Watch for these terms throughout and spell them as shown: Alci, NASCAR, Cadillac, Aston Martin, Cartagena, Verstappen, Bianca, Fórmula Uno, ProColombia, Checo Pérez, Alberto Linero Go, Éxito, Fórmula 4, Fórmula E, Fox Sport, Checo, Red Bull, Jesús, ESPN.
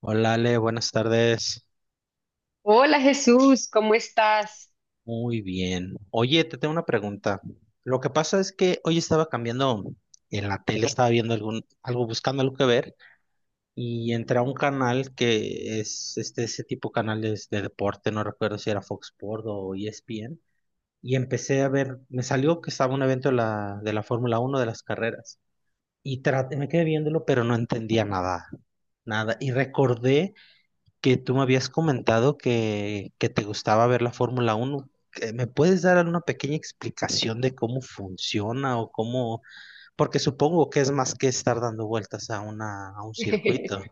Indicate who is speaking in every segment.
Speaker 1: Hola Ale, buenas tardes.
Speaker 2: Hola Jesús, ¿cómo estás?
Speaker 1: Muy bien. Oye, te tengo una pregunta. Lo que pasa es que hoy estaba cambiando en la tele, estaba viendo algo, buscando algo que ver, y entré a un canal que es este, ese tipo de canales de deporte, no recuerdo si era Fox Sport o ESPN, y empecé a ver, me salió que estaba un evento de la Fórmula Uno, de las carreras, y me quedé viéndolo, pero no entendía nada, y recordé que tú me habías comentado que te gustaba ver la Fórmula Uno. ¿Me puedes dar alguna pequeña explicación de cómo funciona o cómo? Porque supongo que es más que estar dando vueltas a un circuito.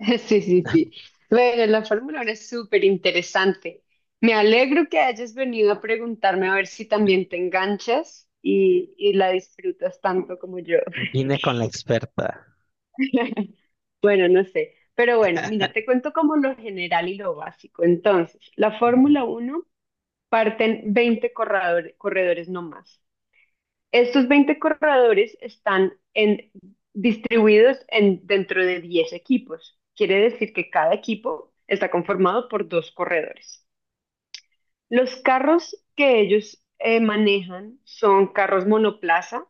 Speaker 2: Sí, sí, sí. Bueno, la Fórmula Uno es súper interesante. Me alegro que hayas venido a preguntarme a ver si también te enganchas y la disfrutas tanto como yo.
Speaker 1: Vine con la experta.
Speaker 2: Bueno, no sé. Pero bueno, mira, te cuento como lo general y lo básico. Entonces, la
Speaker 1: Ujú,
Speaker 2: Fórmula Uno parten 20 corredores no más. Estos 20 corredores distribuidos dentro de 10 equipos. Quiere decir que cada equipo está conformado por dos corredores. Los carros que ellos manejan son carros monoplaza,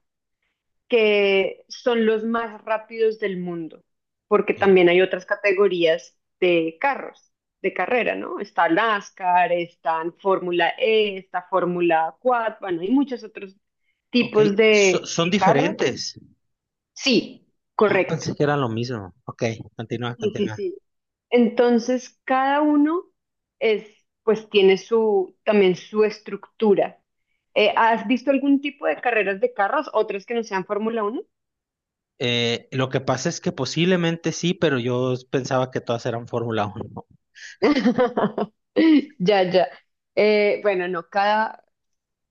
Speaker 2: que son los más rápidos del mundo, porque
Speaker 1: sí.
Speaker 2: también hay otras categorías de carros, de carrera, ¿no? Está NASCAR, está Fórmula E, está Fórmula 4. Bueno, hay muchos otros
Speaker 1: Ok,
Speaker 2: tipos
Speaker 1: son
Speaker 2: de carros.
Speaker 1: diferentes.
Speaker 2: Sí,
Speaker 1: Ah,
Speaker 2: correcto.
Speaker 1: pensé que era lo mismo. Ok,
Speaker 2: Sí, sí,
Speaker 1: continúa.
Speaker 2: sí. Entonces, cada uno es, pues tiene su, también su estructura. ¿Has visto algún tipo de carreras de carros, otras que no sean Fórmula Uno?
Speaker 1: Lo que pasa es que posiblemente sí, pero yo pensaba que todas eran Fórmula Uno.
Speaker 2: Ya, ya. Bueno, no, cada,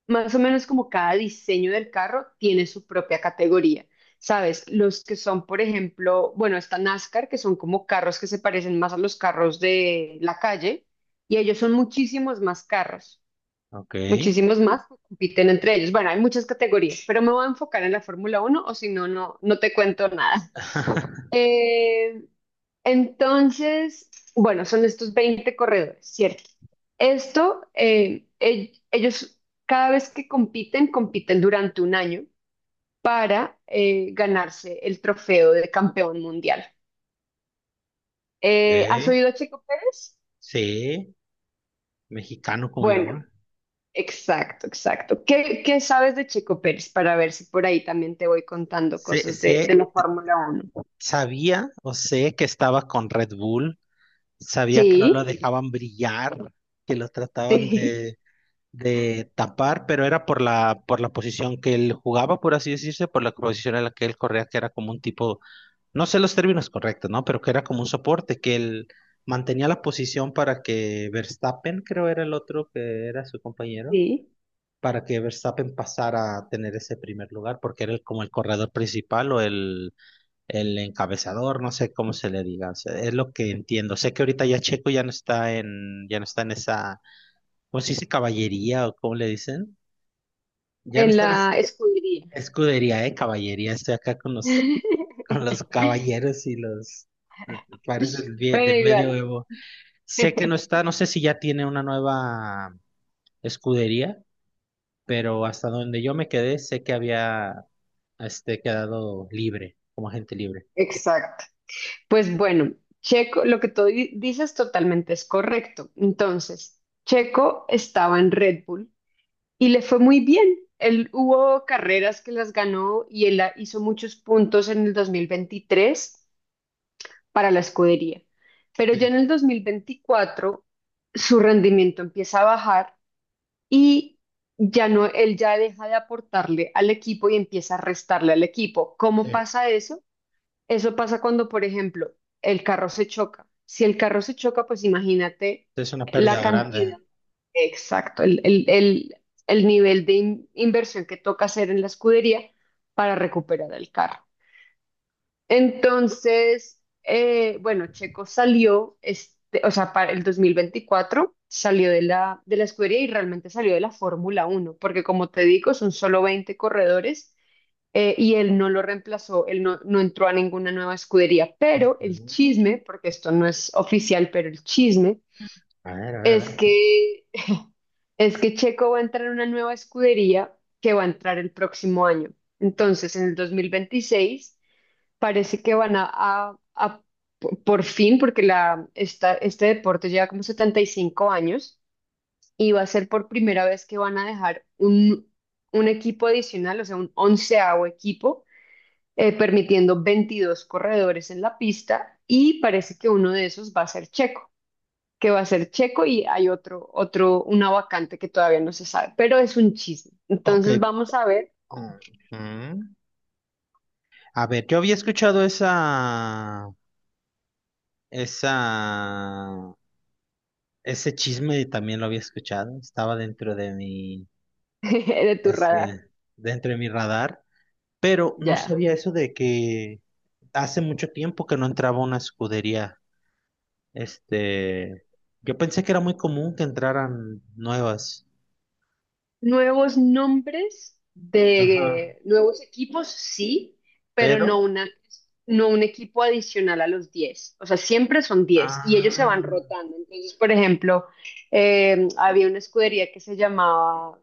Speaker 2: más o menos como cada diseño del carro tiene su propia categoría. ¿Sabes? Los que son, por ejemplo, bueno, está NASCAR, que son como carros que se parecen más a los carros de la calle, y ellos son muchísimos más carros,
Speaker 1: Ok.
Speaker 2: muchísimos más que compiten entre ellos. Bueno, hay muchas categorías, pero me voy a enfocar en la Fórmula Uno o si no, no te cuento nada. Eh, entonces, bueno, son estos 20 corredores, ¿cierto? Esto, ellos cada vez que compiten, compiten durante un año para ganarse el trofeo de campeón mundial. ¿Has
Speaker 1: Ok,
Speaker 2: oído a Checo Pérez?
Speaker 1: sí. Mexicano como yo,
Speaker 2: Bueno,
Speaker 1: ¿eh?
Speaker 2: exacto, exacto. Qué sabes de Checo Pérez? Para ver si por ahí también te voy contando
Speaker 1: sé,
Speaker 2: cosas de
Speaker 1: sé-
Speaker 2: la Fórmula Uno?
Speaker 1: Sabía o sé que estaba con Red Bull, sabía que no lo
Speaker 2: Sí,
Speaker 1: dejaban brillar, que lo trataban
Speaker 2: sí,
Speaker 1: de tapar, pero era por la posición que él jugaba, por así decirse, por la posición en la que él corría, que era como un tipo, no sé los términos correctos, ¿no? Pero que era como un soporte, que él mantenía la posición para que Verstappen, creo era el otro que era su compañero,
Speaker 2: sí,
Speaker 1: para que Verstappen pasara a tener ese primer lugar, porque era como el corredor principal o el encabezador, no sé cómo se le diga, o sea, es lo que entiendo. Sé que ahorita ya Checo ya no ya no está en esa, ¿cómo se dice? Caballería o cómo le dicen. Ya no
Speaker 2: en la escudería.
Speaker 1: escudería, caballería. Estoy acá con con los caballeros y los pares
Speaker 2: Pero
Speaker 1: del
Speaker 2: igual.
Speaker 1: medioevo. Sé que no está, no sé si ya tiene una nueva escudería, pero hasta donde yo me quedé, sé que había quedado libre, como agente libre.
Speaker 2: Exacto. Pues bueno, Checo, lo que tú dices totalmente es correcto. Entonces, Checo estaba en Red Bull y le fue muy bien. Él hubo carreras que las ganó y él hizo muchos puntos en el 2023 para la escudería. Pero ya en
Speaker 1: Sí,
Speaker 2: el 2024 su rendimiento empieza a bajar y ya no, él ya deja de aportarle al equipo y empieza a restarle al equipo. ¿Cómo
Speaker 1: sí.
Speaker 2: pasa eso? Eso pasa cuando, por ejemplo, el carro se choca. Si el carro se choca, pues imagínate
Speaker 1: Es una
Speaker 2: la
Speaker 1: pérdida grande.
Speaker 2: cantidad, exacto, el nivel de inversión que toca hacer en la escudería para recuperar el carro. Entonces, bueno, Checo salió, este, o sea, para el 2024 salió de de la escudería y realmente salió de la Fórmula Uno, porque como te digo, son solo 20 corredores. Y él no lo reemplazó, él no, no entró a ninguna nueva escudería, pero el
Speaker 1: Ujú.
Speaker 2: chisme, porque esto no es oficial, pero el chisme
Speaker 1: A ver, a ver, a
Speaker 2: es
Speaker 1: ver.
Speaker 2: que, es que Checo va a entrar a una nueva escudería que va a entrar el próximo año. Entonces, en el 2026 parece que van a por fin, porque la, esta, este deporte lleva como 75 años y va a ser por primera vez que van a dejar un equipo adicional, o sea, un onceavo equipo, permitiendo 22 corredores en la pista y parece que uno de esos va a ser Checo, que va a ser Checo y hay otro, una vacante que todavía no se sabe, pero es un chisme.
Speaker 1: Ok.
Speaker 2: Entonces vamos a ver.
Speaker 1: Ujú. A ver, yo había escuchado esa, ese chisme también lo había escuchado. Estaba dentro de
Speaker 2: De tu radar.
Speaker 1: este, dentro de mi radar, pero no
Speaker 2: Ya.
Speaker 1: sabía eso de que hace mucho tiempo que no entraba a una escudería. Este, yo pensé que era muy común que entraran nuevas.
Speaker 2: Nuevos nombres
Speaker 1: Ajá.
Speaker 2: de nuevos equipos, sí, pero no
Speaker 1: Pero,
Speaker 2: una, no un equipo adicional a los diez. O sea, siempre son diez y ellos se van
Speaker 1: ah.
Speaker 2: rotando. Entonces, por ejemplo, había una escudería que se llamaba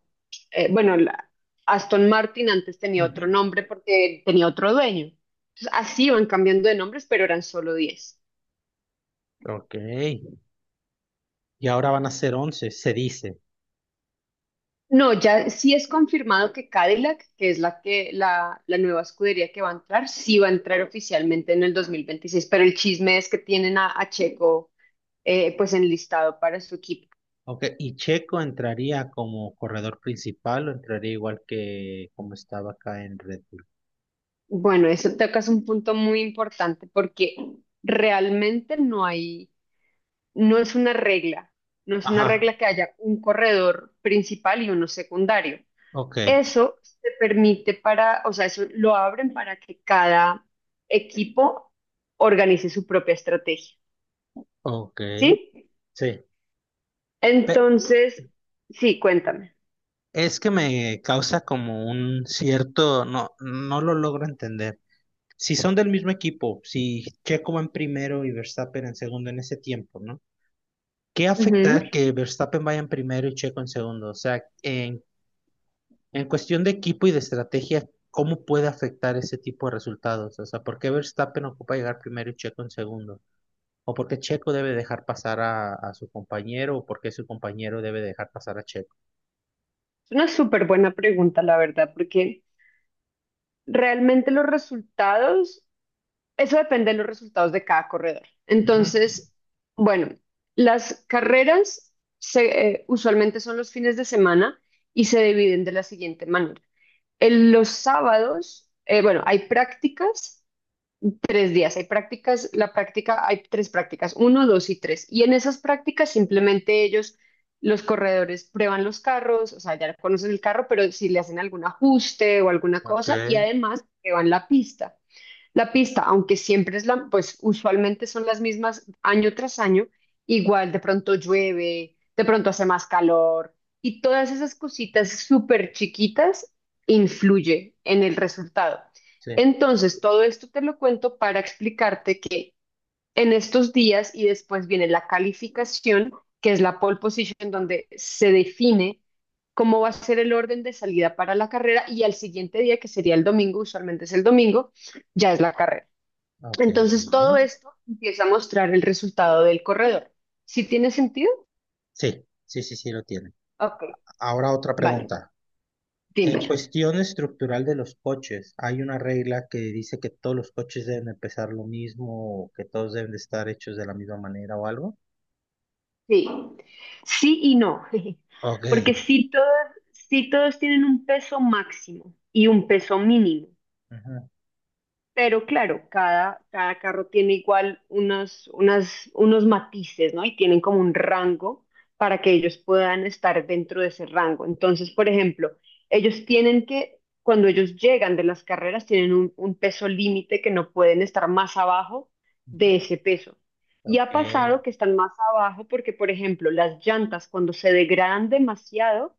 Speaker 2: bueno, Aston Martin antes tenía otro
Speaker 1: Ujú.
Speaker 2: nombre porque tenía otro dueño. Entonces, así iban cambiando de nombres, pero eran solo 10.
Speaker 1: Ok, y ahora van a ser 11, se dice.
Speaker 2: No, ya sí es confirmado que Cadillac, que es la nueva escudería que va a entrar, sí va a entrar oficialmente en el 2026, pero el chisme es que tienen a Checo, pues enlistado para su equipo.
Speaker 1: Ok, ¿y Checo entraría como corredor principal o entraría igual que como estaba acá en Red Bull?
Speaker 2: Bueno, eso tocas un punto muy importante porque realmente no hay no es una regla, no es una
Speaker 1: Ajá.
Speaker 2: regla que haya un corredor principal y uno secundario.
Speaker 1: Ok,
Speaker 2: Eso te permite para, o sea, eso lo abren para que cada equipo organice su propia estrategia,
Speaker 1: ok,
Speaker 2: ¿sí?
Speaker 1: sí. Pe-
Speaker 2: Entonces, sí, cuéntame.
Speaker 1: es que me causa como un cierto, no, no lo logro entender. Si son del mismo equipo, si Checo va en primero y Verstappen en segundo en ese tiempo, ¿no? ¿Qué
Speaker 2: Ujú.
Speaker 1: afecta que Verstappen vaya en primero y Checo en segundo? O sea, en cuestión de equipo y de estrategia, ¿cómo puede afectar ese tipo de resultados? O sea, ¿por qué Verstappen ocupa llegar primero y Checo en segundo? ¿O por qué Checo debe dejar pasar a su compañero? ¿O por qué su compañero debe dejar pasar a Checo?
Speaker 2: Es una súper buena pregunta, la verdad, porque realmente los resultados eso depende de los resultados de cada corredor.
Speaker 1: Ujú.
Speaker 2: Entonces, bueno, las carreras usualmente son los fines de semana y se dividen de la siguiente manera. En los sábados, bueno, hay prácticas, tres días, hay prácticas, la práctica, hay tres prácticas, uno, dos y tres. Y en esas prácticas simplemente ellos, los corredores, prueban los carros, o sea, ya conocen el carro, pero si le hacen algún ajuste o alguna
Speaker 1: Ok,
Speaker 2: cosa y además prueban la pista. La pista, aunque siempre es la, pues usualmente son las mismas año tras año, igual de pronto llueve, de pronto hace más calor y todas esas cositas súper chiquitas influye en el resultado.
Speaker 1: sí,
Speaker 2: Entonces, todo esto te lo cuento para explicarte que en estos días y después viene la calificación, que es la pole position, donde se define cómo va a ser el orden de salida para la carrera y al siguiente día, que sería el domingo, usualmente es el domingo, ya es la carrera.
Speaker 1: ok.
Speaker 2: Entonces todo esto empieza a mostrar el resultado del corredor. ¿Sí tiene sentido?
Speaker 1: Sí, sí, sí, sí lo tiene.
Speaker 2: Ok,
Speaker 1: Ahora otra
Speaker 2: vale,
Speaker 1: pregunta. En
Speaker 2: dímelo.
Speaker 1: cuestión estructural de los coches, ¿hay una regla que dice que todos los coches deben de pesar lo mismo, o que todos deben de estar hechos de la misma manera o algo?
Speaker 2: Sí, sí y no,
Speaker 1: Ok.
Speaker 2: porque sí todos tienen un peso máximo y un peso mínimo.
Speaker 1: Ajá,
Speaker 2: Pero claro, cada carro tiene igual unos matices, ¿no? Y tienen como un rango para que ellos puedan estar dentro de ese rango. Entonces, por ejemplo, ellos tienen que, cuando ellos llegan de las carreras, tienen un peso límite que no pueden estar más abajo de
Speaker 1: ujú,
Speaker 2: ese peso. Y
Speaker 1: ok.
Speaker 2: ha pasado que están más abajo porque, por ejemplo, las llantas cuando se degradan demasiado,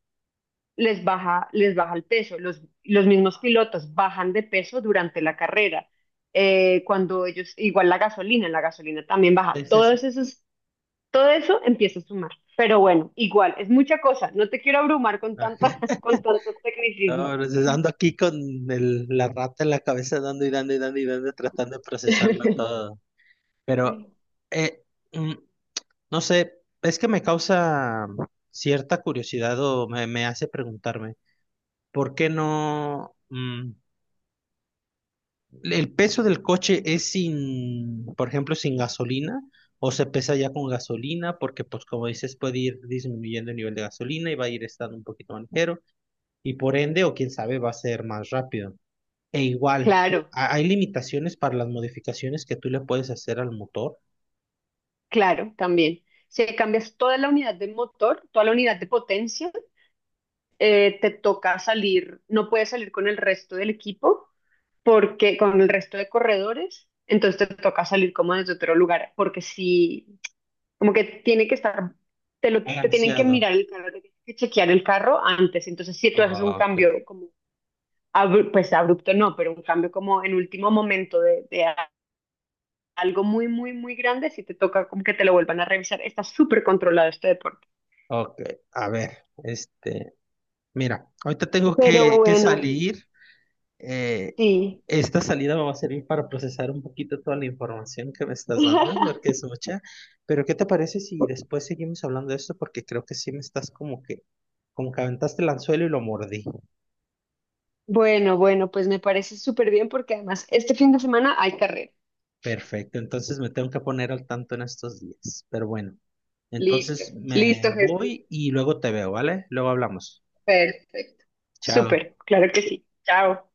Speaker 2: les baja el peso. Los mismos pilotos bajan de peso durante la carrera. Cuando ellos, igual la gasolina también baja.
Speaker 1: Es
Speaker 2: Todos
Speaker 1: eso.
Speaker 2: esos, todo eso empieza a sumar. Pero bueno, igual, es mucha cosa. No te quiero abrumar con
Speaker 1: Ah,
Speaker 2: tanta, con tantos tecnicismos.
Speaker 1: ahora ando aquí con la rata en la cabeza, dando y dando y dando y dando, tratando de procesarlo todo. Pero, eh, mm, no sé, es que me causa cierta curiosidad o me hace preguntarme, ¿por qué no? ¿El peso del coche es sin, por ejemplo, sin gasolina? ¿O se pesa ya con gasolina? Porque, pues, como dices, puede ir disminuyendo el nivel de gasolina y va a ir estando un poquito más ligero. Y por ende, o quién sabe, va a ser más rápido. E igual,
Speaker 2: Claro,
Speaker 1: ¿hay limitaciones para las modificaciones que tú le puedes hacer al motor?
Speaker 2: claro, también. Si cambias toda la unidad de motor, toda la unidad de potencia, te toca salir, no puedes salir con el resto del equipo porque con el resto de corredores, entonces te toca salir como desde otro lugar, porque si, como que tiene que estar, te tienen que
Speaker 1: Balanceado.
Speaker 2: mirar el carro, te tienen que chequear el carro antes, entonces si tú haces un
Speaker 1: Ah, ok,
Speaker 2: cambio como, abru pues abrupto no, pero un cambio como en último momento algo muy, muy, muy grande, si te toca como que te lo vuelvan a revisar, está súper controlado este deporte.
Speaker 1: ok. A ver, mira, ahorita tengo
Speaker 2: Pero
Speaker 1: que
Speaker 2: bueno,
Speaker 1: salir. Eh,
Speaker 2: sí.
Speaker 1: esta salida me va a servir para procesar un poquito toda la información que me estás dando, porque es mucha. Pero ¿qué te parece si después seguimos hablando de esto? Porque creo que sí me estás como que aventaste el anzuelo y lo mordí.
Speaker 2: Bueno, bueno, pues me parece súper bien porque además este fin de semana hay carrera.
Speaker 1: Perfecto, entonces me tengo que poner al tanto en estos días. Pero bueno,
Speaker 2: Listo,
Speaker 1: entonces me
Speaker 2: listo, Jesús.
Speaker 1: voy y luego te veo, ¿vale? Luego hablamos.
Speaker 2: Perfecto.
Speaker 1: Chao.
Speaker 2: Súper, claro que sí. Chao.